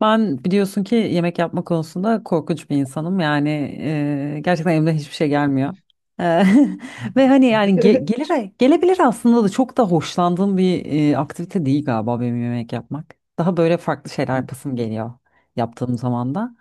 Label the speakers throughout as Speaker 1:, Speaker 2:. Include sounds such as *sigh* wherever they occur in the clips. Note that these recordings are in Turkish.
Speaker 1: Ben biliyorsun ki yemek yapma konusunda korkunç bir insanım. Yani gerçekten elimden hiçbir şey gelmiyor. E,
Speaker 2: Hı
Speaker 1: *laughs* Ve hani yani gelir gelebilir aslında da çok da hoşlandığım bir aktivite değil galiba benim yemek yapmak. Daha böyle farklı şeyler yapasım geliyor yaptığım zaman da.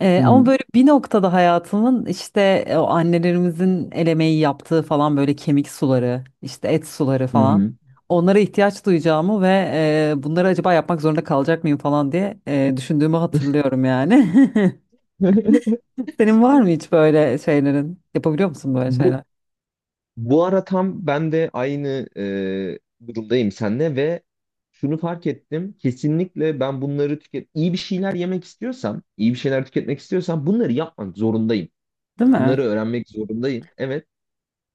Speaker 2: hı.
Speaker 1: Ama böyle bir noktada hayatımın işte o annelerimizin el emeği yaptığı falan böyle kemik suları, işte et suları
Speaker 2: Hı
Speaker 1: falan
Speaker 2: hı.
Speaker 1: onlara ihtiyaç duyacağımı ve bunları acaba yapmak zorunda kalacak mıyım falan diye düşündüğümü hatırlıyorum yani. *laughs*
Speaker 2: *laughs*
Speaker 1: Senin var mı hiç böyle şeylerin? Yapabiliyor musun böyle
Speaker 2: Bu
Speaker 1: şeyler?
Speaker 2: bu ara tam ben de aynı e, durumdayım seninle ve şunu fark ettim. Kesinlikle ben bunları iyi bir şeyler yemek istiyorsam, iyi bir şeyler tüketmek istiyorsam bunları yapmak zorundayım.
Speaker 1: Değil mi?
Speaker 2: Bunları öğrenmek zorundayım. Evet.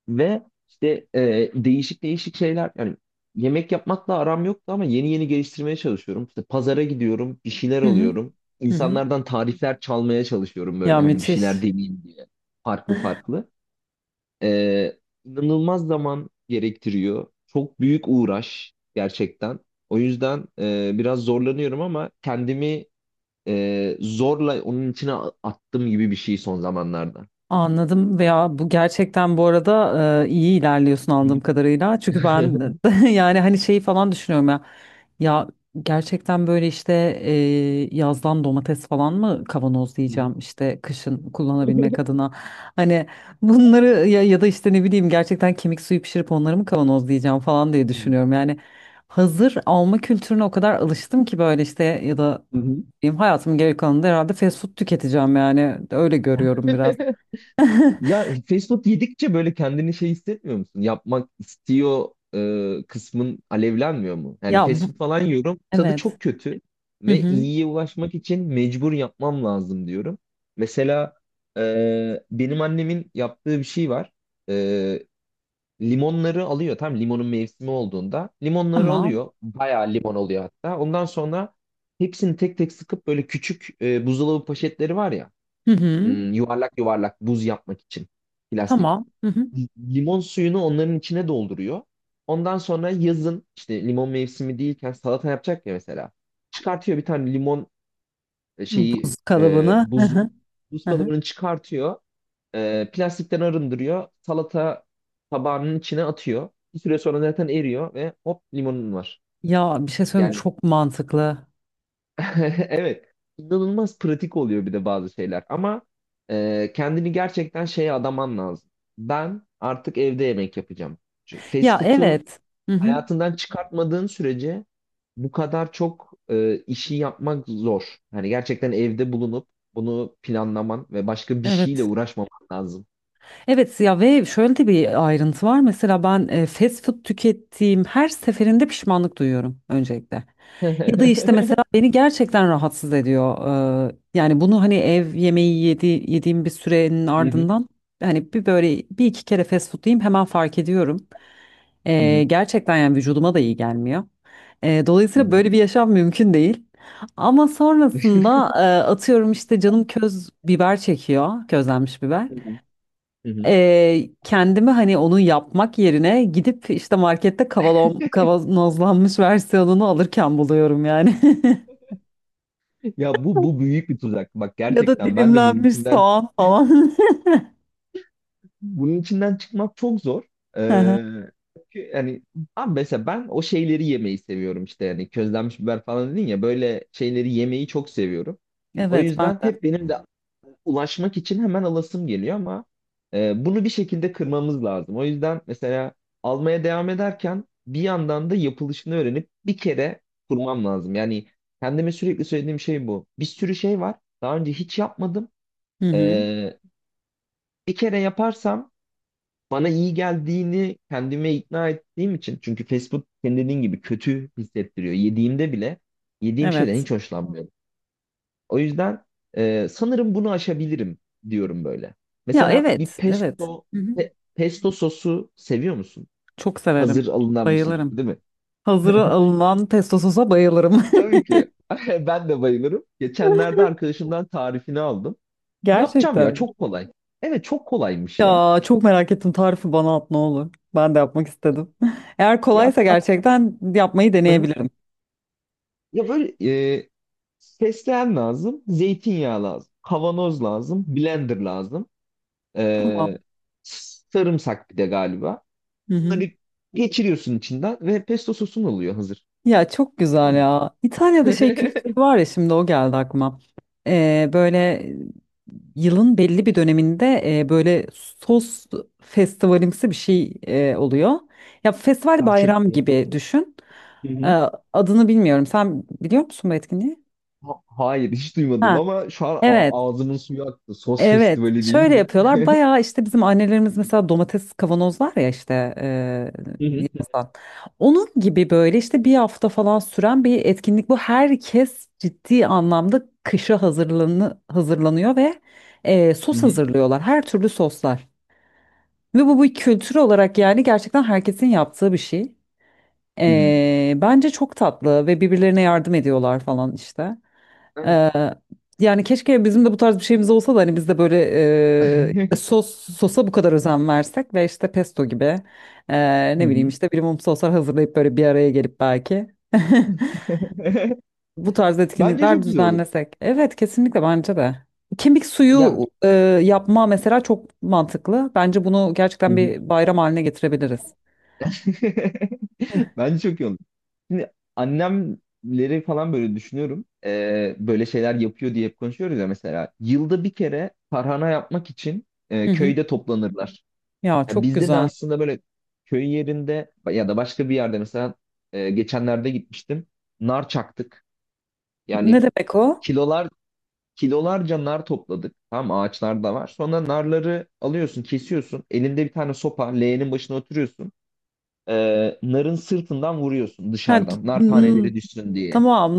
Speaker 2: Ve işte değişik değişik şeyler, yani yemek yapmakla aram yoktu ama yeni yeni geliştirmeye çalışıyorum. İşte pazara gidiyorum, bir şeyler
Speaker 1: Hı hı.
Speaker 2: alıyorum.
Speaker 1: Hı hı.
Speaker 2: İnsanlardan tarifler çalmaya çalışıyorum,
Speaker 1: Ya
Speaker 2: böyle hani bir şeyler
Speaker 1: müthiş.
Speaker 2: deneyeyim diye. Farklı farklı. E, inanılmaz zaman gerektiriyor. Çok büyük uğraş gerçekten. O yüzden biraz zorlanıyorum ama kendimi zorla onun içine attım gibi bir şey son zamanlarda.
Speaker 1: Anladım, veya bu gerçekten bu arada iyi ilerliyorsun
Speaker 2: Hı
Speaker 1: anladığım kadarıyla. Çünkü
Speaker 2: hı.
Speaker 1: ben
Speaker 2: *laughs*
Speaker 1: *laughs* yani hani şeyi falan düşünüyorum ya. Ya gerçekten böyle işte e, yazdan domates falan mı kavanoz
Speaker 2: Hı hı.
Speaker 1: diyeceğim işte kışın kullanabilmek adına. Hani bunları ya, ya da işte ne bileyim gerçekten kemik suyu pişirip onları mı kavanoz diyeceğim falan diye düşünüyorum. Yani hazır alma kültürüne o kadar alıştım ki böyle işte ya da
Speaker 2: Hı hı.
Speaker 1: diyeyim hayatımın geri kalanında herhalde fast food tüketeceğim yani öyle görüyorum biraz.
Speaker 2: *laughs*
Speaker 1: *laughs*
Speaker 2: Ya fast food yedikçe böyle kendini şey hissetmiyor musun? Yapmak istiyor kısmın alevlenmiyor mu? Yani
Speaker 1: Ya
Speaker 2: fast
Speaker 1: bu
Speaker 2: food falan yiyorum. Tadı
Speaker 1: evet.
Speaker 2: çok kötü
Speaker 1: Hı
Speaker 2: ve
Speaker 1: hı.
Speaker 2: iyiye ulaşmak için mecbur yapmam lazım diyorum. Mesela benim annemin yaptığı bir şey var. E, Limonları alıyor. Tam limonun mevsimi olduğunda limonları
Speaker 1: Tamam.
Speaker 2: alıyor. Bayağı limon oluyor hatta. Ondan sonra hepsini tek tek sıkıp böyle küçük buzdolabı poşetleri var ya.
Speaker 1: Hı hı.
Speaker 2: Yuvarlak yuvarlak buz yapmak için plastik.
Speaker 1: Tamam. Hı hı.
Speaker 2: Limon suyunu onların içine dolduruyor. Ondan sonra yazın işte limon mevsimi değilken salata yapacak ya mesela. Çıkartıyor bir tane limon,
Speaker 1: Buz
Speaker 2: şeyi,
Speaker 1: kalıbını. Hı hı.
Speaker 2: buzu. Buz
Speaker 1: Hı hı.
Speaker 2: kalıbını çıkartıyor. Plastikten arındırıyor. Salata tabağının içine atıyor. Bir süre sonra zaten eriyor ve hop, limonun var.
Speaker 1: Ya bir şey söyleyeyim mi?
Speaker 2: Yani
Speaker 1: Çok mantıklı.
Speaker 2: *laughs* evet, inanılmaz pratik oluyor bir de bazı şeyler. Ama kendini gerçekten şeye adaman lazım. Ben artık evde yemek yapacağım. Çünkü fast
Speaker 1: Ya
Speaker 2: food'u
Speaker 1: evet. Hı hı.
Speaker 2: hayatından çıkartmadığın sürece bu kadar çok işi yapmak zor. Hani gerçekten evde bulunup bunu planlaman ve başka bir şeyle
Speaker 1: Evet.
Speaker 2: uğraşmaman lazım.
Speaker 1: Evet ya, ve şöyle de bir ayrıntı var. Mesela ben fast food tükettiğim her seferinde pişmanlık duyuyorum öncelikle.
Speaker 2: *laughs*
Speaker 1: Ya da işte
Speaker 2: Hı
Speaker 1: mesela beni gerçekten rahatsız ediyor. Yani bunu hani ev yemeği yediğim bir sürenin
Speaker 2: hı,
Speaker 1: ardından hani bir böyle bir iki kere fast food yiyeyim hemen fark ediyorum.
Speaker 2: hı hı,
Speaker 1: Gerçekten yani vücuduma da iyi gelmiyor.
Speaker 2: hı
Speaker 1: Dolayısıyla
Speaker 2: hı,
Speaker 1: böyle bir yaşam mümkün değil. Ama sonrasında atıyorum işte canım köz biber çekiyor, közlenmiş biber.
Speaker 2: hı hı, hı hı.
Speaker 1: Kendimi hani onu yapmak yerine gidip işte markette kavanozlanmış versiyonunu alırken buluyorum yani. *laughs*
Speaker 2: Ya bu büyük bir tuzak. Bak,
Speaker 1: Ya da
Speaker 2: gerçekten ben de
Speaker 1: dilimlenmiş soğan falan.
Speaker 2: bunun içinden çıkmak çok zor.
Speaker 1: *laughs* Hı hı.
Speaker 2: Ee, Çünkü yani abi, mesela ben o şeyleri yemeyi seviyorum, işte yani közlenmiş biber falan dedin ya, böyle şeyleri yemeyi çok seviyorum. O
Speaker 1: Evet ben
Speaker 2: yüzden
Speaker 1: de.
Speaker 2: hep benim de ulaşmak için hemen alasım geliyor ama bunu bir şekilde kırmamız lazım. O yüzden mesela almaya devam ederken bir yandan da yapılışını öğrenip bir kere kurmam lazım. Yani kendime sürekli söylediğim şey bu. Bir sürü şey var. Daha önce hiç yapmadım.
Speaker 1: Hı hı.
Speaker 2: Ee, Bir kere yaparsam bana iyi geldiğini kendime ikna ettiğim için, çünkü Facebook food senin dediğin gibi kötü hissettiriyor. Yediğimde bile yediğim şeyden
Speaker 1: Evet.
Speaker 2: hiç hoşlanmıyorum. O yüzden sanırım bunu aşabilirim diyorum böyle.
Speaker 1: Ya
Speaker 2: Mesela bir
Speaker 1: evet, evet. Hı hı.
Speaker 2: pesto sosu seviyor musun?
Speaker 1: Çok
Speaker 2: Hazır
Speaker 1: severim.
Speaker 2: alınan bir şey
Speaker 1: Bayılırım.
Speaker 2: değil mi?
Speaker 1: Hazıra alınan pesto sosa bayılırım.
Speaker 2: Tabii ki. *laughs* Ben de bayılırım. Geçenlerde arkadaşımdan tarifini aldım.
Speaker 1: *laughs*
Speaker 2: Yapacağım ya,
Speaker 1: Gerçekten.
Speaker 2: çok kolay. Evet, çok kolaymış ya.
Speaker 1: Ya çok merak ettim. Tarifi bana at ne olur. Ben de yapmak istedim. *laughs* Eğer
Speaker 2: Ya
Speaker 1: kolaysa
Speaker 2: at, at.
Speaker 1: gerçekten yapmayı
Speaker 2: *laughs*
Speaker 1: deneyebilirim.
Speaker 2: Ya böyle e, fesleğen lazım, zeytinyağı lazım, kavanoz lazım, blender lazım, e,
Speaker 1: Tamam.
Speaker 2: sarımsak bir de galiba.
Speaker 1: Hı hı.
Speaker 2: Bunları geçiriyorsun içinden ve pesto sosun oluyor hazır.
Speaker 1: Ya çok güzel
Speaker 2: Tamam.
Speaker 1: ya. İtalya'da şey kültürü
Speaker 2: *laughs*
Speaker 1: var ya, şimdi o geldi aklıma. Böyle yılın belli bir döneminde böyle sos festivalimsi bir şey oluyor. Ya festival bayram
Speaker 2: Gerçekten.
Speaker 1: gibi düşün.
Speaker 2: Hı
Speaker 1: Ee,
Speaker 2: hı.
Speaker 1: Adını bilmiyorum. Sen biliyor musun bu etkinliği?
Speaker 2: Hayır, hiç duymadım
Speaker 1: Ha,
Speaker 2: ama şu an
Speaker 1: evet.
Speaker 2: ağzımın suyu aktı. Sos
Speaker 1: Evet,
Speaker 2: festivali
Speaker 1: şöyle
Speaker 2: deyince.
Speaker 1: yapıyorlar. Bayağı işte bizim annelerimiz mesela domates kavanozlar ya işte
Speaker 2: Hı hı.
Speaker 1: yazdan. Onun gibi böyle işte bir hafta falan süren bir etkinlik bu. Herkes ciddi anlamda kışa hazırlanıyor ve
Speaker 2: Hı
Speaker 1: sos
Speaker 2: hı.
Speaker 1: hazırlıyorlar. Her türlü soslar. Ve bu bir kültür olarak yani gerçekten herkesin yaptığı bir şey.
Speaker 2: Hı hı.
Speaker 1: Bence çok tatlı ve birbirlerine yardım ediyorlar falan işte.
Speaker 2: Evet.
Speaker 1: Ee, Yani keşke bizim de bu tarz bir şeyimiz olsa da hani biz de böyle
Speaker 2: *laughs*
Speaker 1: sosa bu kadar özen versek ve işte pesto gibi
Speaker 2: Hı
Speaker 1: ne bileyim
Speaker 2: hı.
Speaker 1: işte bir mum soslar hazırlayıp böyle bir araya gelip belki *laughs*
Speaker 2: *laughs*
Speaker 1: bu tarz
Speaker 2: Bence
Speaker 1: etkinlikler
Speaker 2: çok güzel olur.
Speaker 1: düzenlesek. Evet kesinlikle bence de. Kemik
Speaker 2: Ya,
Speaker 1: suyu yapma mesela çok mantıklı. Bence bunu
Speaker 2: hı
Speaker 1: gerçekten
Speaker 2: hı.
Speaker 1: bir bayram haline getirebiliriz.
Speaker 2: *laughs* Bence çok iyi olur. Şimdi annemleri falan böyle düşünüyorum. Böyle şeyler yapıyor diye hep konuşuyoruz ya mesela. Yılda bir kere tarhana yapmak için
Speaker 1: Hı hı.
Speaker 2: köyde toplanırlar.
Speaker 1: Ya
Speaker 2: Ya
Speaker 1: çok
Speaker 2: bizde de
Speaker 1: güzel.
Speaker 2: aslında böyle köy yerinde ya da başka bir yerde, mesela geçenlerde gitmiştim. Nar çaktık.
Speaker 1: Ne
Speaker 2: Yani
Speaker 1: demek o?
Speaker 2: kilolar kilolarca nar topladık. Tamam, ağaçlar da var. Sonra narları alıyorsun, kesiyorsun. Elinde bir tane sopa, leğenin başına oturuyorsun, narın sırtından vuruyorsun
Speaker 1: Ha,
Speaker 2: dışarıdan. Nar
Speaker 1: n-
Speaker 2: taneleri düşsün diye.
Speaker 1: tamam,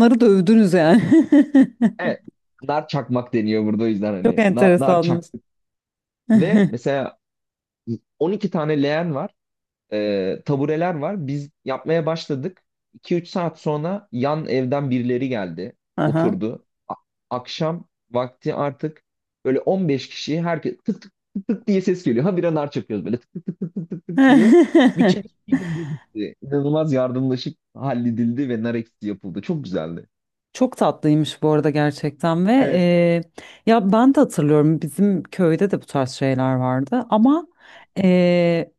Speaker 1: narı dövdünüz yani. *laughs*
Speaker 2: Evet. Nar çakmak deniyor burada, o yüzden
Speaker 1: Çok
Speaker 2: hani. Nar, nar
Speaker 1: enteresanmış.
Speaker 2: çaktık. Ve
Speaker 1: *laughs*
Speaker 2: mesela 12 tane leğen var, tabureler var. Biz yapmaya başladık. İki üç saat sonra yan evden birileri geldi,
Speaker 1: Aha.
Speaker 2: oturdu. Akşam vakti artık böyle 15 kişi, herkes tık tık tık tık diye ses geliyor. Ha, bir anar çakıyoruz böyle, tık tık tık tık tık tık tık diye.
Speaker 1: *laughs*
Speaker 2: Bütçe bir günde bitti. İnanılmaz yardımlaşıp halledildi ve nar ekşisi yapıldı. Çok güzeldi.
Speaker 1: Çok tatlıymış bu arada gerçekten ve
Speaker 2: Evet.
Speaker 1: ya ben de hatırlıyorum bizim köyde de bu tarz şeyler vardı ama e,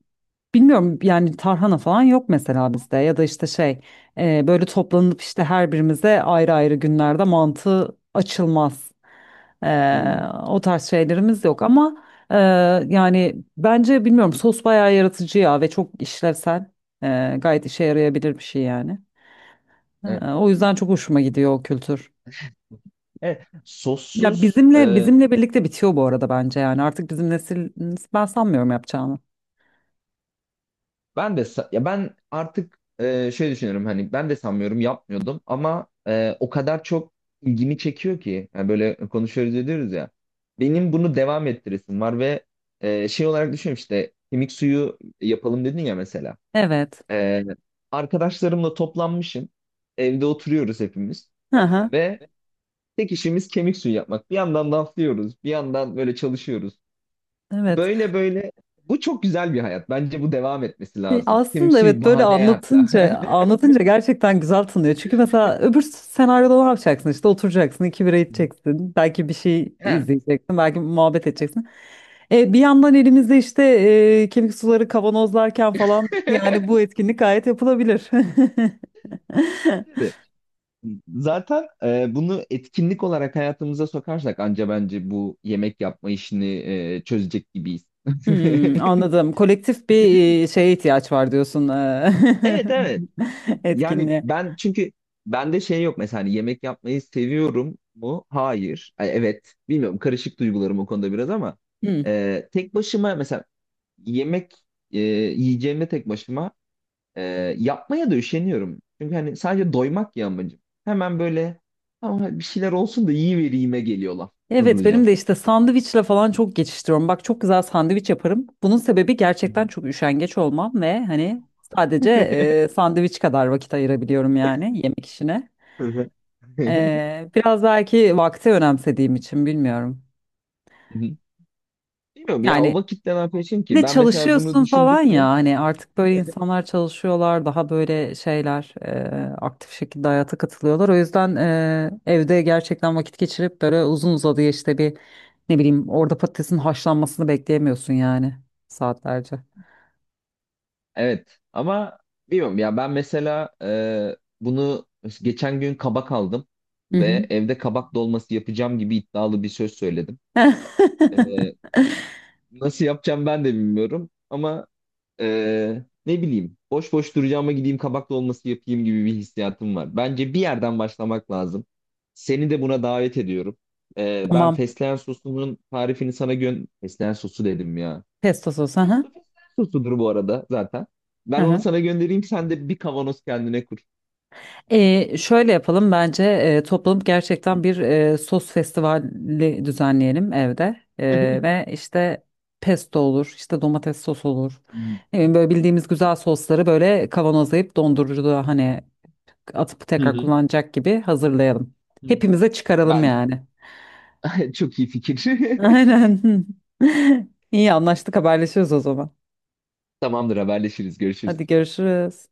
Speaker 1: bilmiyorum yani tarhana falan yok mesela bizde ya da işte şey böyle toplanıp işte her birimize ayrı ayrı günlerde mantı açılmaz. E,
Speaker 2: Hmm.
Speaker 1: O tarz şeylerimiz yok ama e, yani bence bilmiyorum sos bayağı yaratıcı ya ve çok işlevsel. Gayet işe yarayabilir bir şey yani.
Speaker 2: Evet.
Speaker 1: O yüzden çok hoşuma gidiyor o kültür.
Speaker 2: Evet.
Speaker 1: Ya
Speaker 2: Sossuz
Speaker 1: bizimle birlikte bitiyor bu arada bence, yani artık bizim nesil ben sanmıyorum yapacağını.
Speaker 2: ben de ya, ben artık şey düşünüyorum, hani ben de sanmıyorum yapmıyordum ama o kadar çok ilgimi çekiyor ki, yani böyle konuşuyoruz ediyoruz ya, benim bunu devam ettiresim var ve şey olarak düşünüyorum, işte kemik suyu yapalım dedin ya mesela.
Speaker 1: Evet.
Speaker 2: E, Arkadaşlarımla toplanmışım, evde oturuyoruz hepimiz,
Speaker 1: Hı hı.
Speaker 2: Ve tek işimiz kemik suyu yapmak, bir yandan laflıyoruz bir yandan böyle çalışıyoruz.
Speaker 1: Evet.
Speaker 2: Böyle böyle, bu çok güzel bir hayat. Bence bu devam etmesi
Speaker 1: E,
Speaker 2: lazım. Kemik
Speaker 1: Aslında
Speaker 2: suyu
Speaker 1: evet, böyle
Speaker 2: bahane hatta. *laughs*
Speaker 1: anlatınca gerçekten güzel tınlıyor. Çünkü mesela öbür senaryoda ne yapacaksın, işte oturacaksın iki bira içeceksin belki bir şey
Speaker 2: Ha.
Speaker 1: izleyeceksin belki muhabbet edeceksin. Bir yandan elimizde işte kemik suları kavanozlarken falan, yani
Speaker 2: *laughs*
Speaker 1: bu etkinlik gayet yapılabilir. *laughs*
Speaker 2: Bence de. Zaten bunu etkinlik olarak hayatımıza sokarsak anca bence bu yemek yapma işini çözecek gibiyiz. *laughs*
Speaker 1: Hmm, anladım. Kolektif bir şeye ihtiyaç var diyorsun,
Speaker 2: Evet, evet.
Speaker 1: *laughs*
Speaker 2: Yani
Speaker 1: etkinliğe.
Speaker 2: ben çünkü bende şey yok mesela, hani yemek yapmayı seviyorum mu? Hayır. Ay, evet. Bilmiyorum, karışık duygularım o konuda biraz ama
Speaker 1: Hmm.
Speaker 2: tek başıma mesela yemek yiyeceğimde tek başıma e, yapmaya da üşeniyorum. Çünkü hani sadece doymak ya amacım. Hemen böyle, ama bir şeyler olsun da yiyivereyim'e geliyorlar
Speaker 1: Evet benim
Speaker 2: hızlıca.
Speaker 1: de işte sandviçle falan çok geçiştiriyorum. Bak çok güzel sandviç yaparım. Bunun sebebi
Speaker 2: Hı hı.
Speaker 1: gerçekten çok üşengeç olmam ve hani sadece
Speaker 2: *laughs*
Speaker 1: sandviç kadar vakit ayırabiliyorum yani yemek işine.
Speaker 2: Hı hı.
Speaker 1: Biraz belki vakti önemsediğim için, bilmiyorum.
Speaker 2: Mhm. Bilmiyorum ya, o
Speaker 1: Yani
Speaker 2: vakitte ne yapıyorsun
Speaker 1: bir
Speaker 2: ki?
Speaker 1: de
Speaker 2: Ben mesela bunu
Speaker 1: çalışıyorsun falan ya,
Speaker 2: düşündükçe
Speaker 1: hani artık böyle
Speaker 2: *laughs*
Speaker 1: insanlar çalışıyorlar, daha böyle şeyler aktif şekilde hayata katılıyorlar. O yüzden evde gerçekten vakit geçirip böyle uzun uzadıya işte bir ne bileyim orada patatesin haşlanmasını bekleyemiyorsun yani saatlerce.
Speaker 2: evet, ama bilmiyorum ya, ben mesela bunu geçen gün kabak aldım
Speaker 1: Hı
Speaker 2: ve
Speaker 1: hı.
Speaker 2: evde kabak dolması yapacağım gibi iddialı bir söz söyledim. E,
Speaker 1: *laughs*
Speaker 2: Nasıl yapacağım ben de bilmiyorum ama ne bileyim, boş boş duracağıma gideyim kabak dolması yapayım gibi bir hissiyatım var. Bence bir yerden başlamak lazım. Seni de buna davet ediyorum. Ben
Speaker 1: Tamam,
Speaker 2: fesleğen sosunun tarifini sana. Fesleğen sosu dedim ya.
Speaker 1: pesto sos. Hı hı.
Speaker 2: Pesto fesleğen sosudur bu arada zaten.
Speaker 1: Hı
Speaker 2: Ben onu
Speaker 1: hı.
Speaker 2: sana göndereyim, sen de bir kavanoz kendine kur.
Speaker 1: Şöyle yapalım bence, toplanıp gerçekten bir sos festivali düzenleyelim evde.
Speaker 2: *laughs*
Speaker 1: Ve işte pesto olur işte domates sos olur, ne bileyim, böyle bildiğimiz güzel sosları böyle kavanozlayıp dondurucuda hani atıp
Speaker 2: Hı
Speaker 1: tekrar
Speaker 2: hı.
Speaker 1: kullanacak gibi hazırlayalım. Hepimize çıkaralım
Speaker 2: Ben
Speaker 1: yani.
Speaker 2: *laughs* çok iyi fikir.
Speaker 1: *laughs* Aynen. *laughs* İyi anlaştık, haberleşiyoruz o zaman.
Speaker 2: *laughs* Tamamdır, haberleşiriz, görüşürüz.
Speaker 1: Hadi görüşürüz.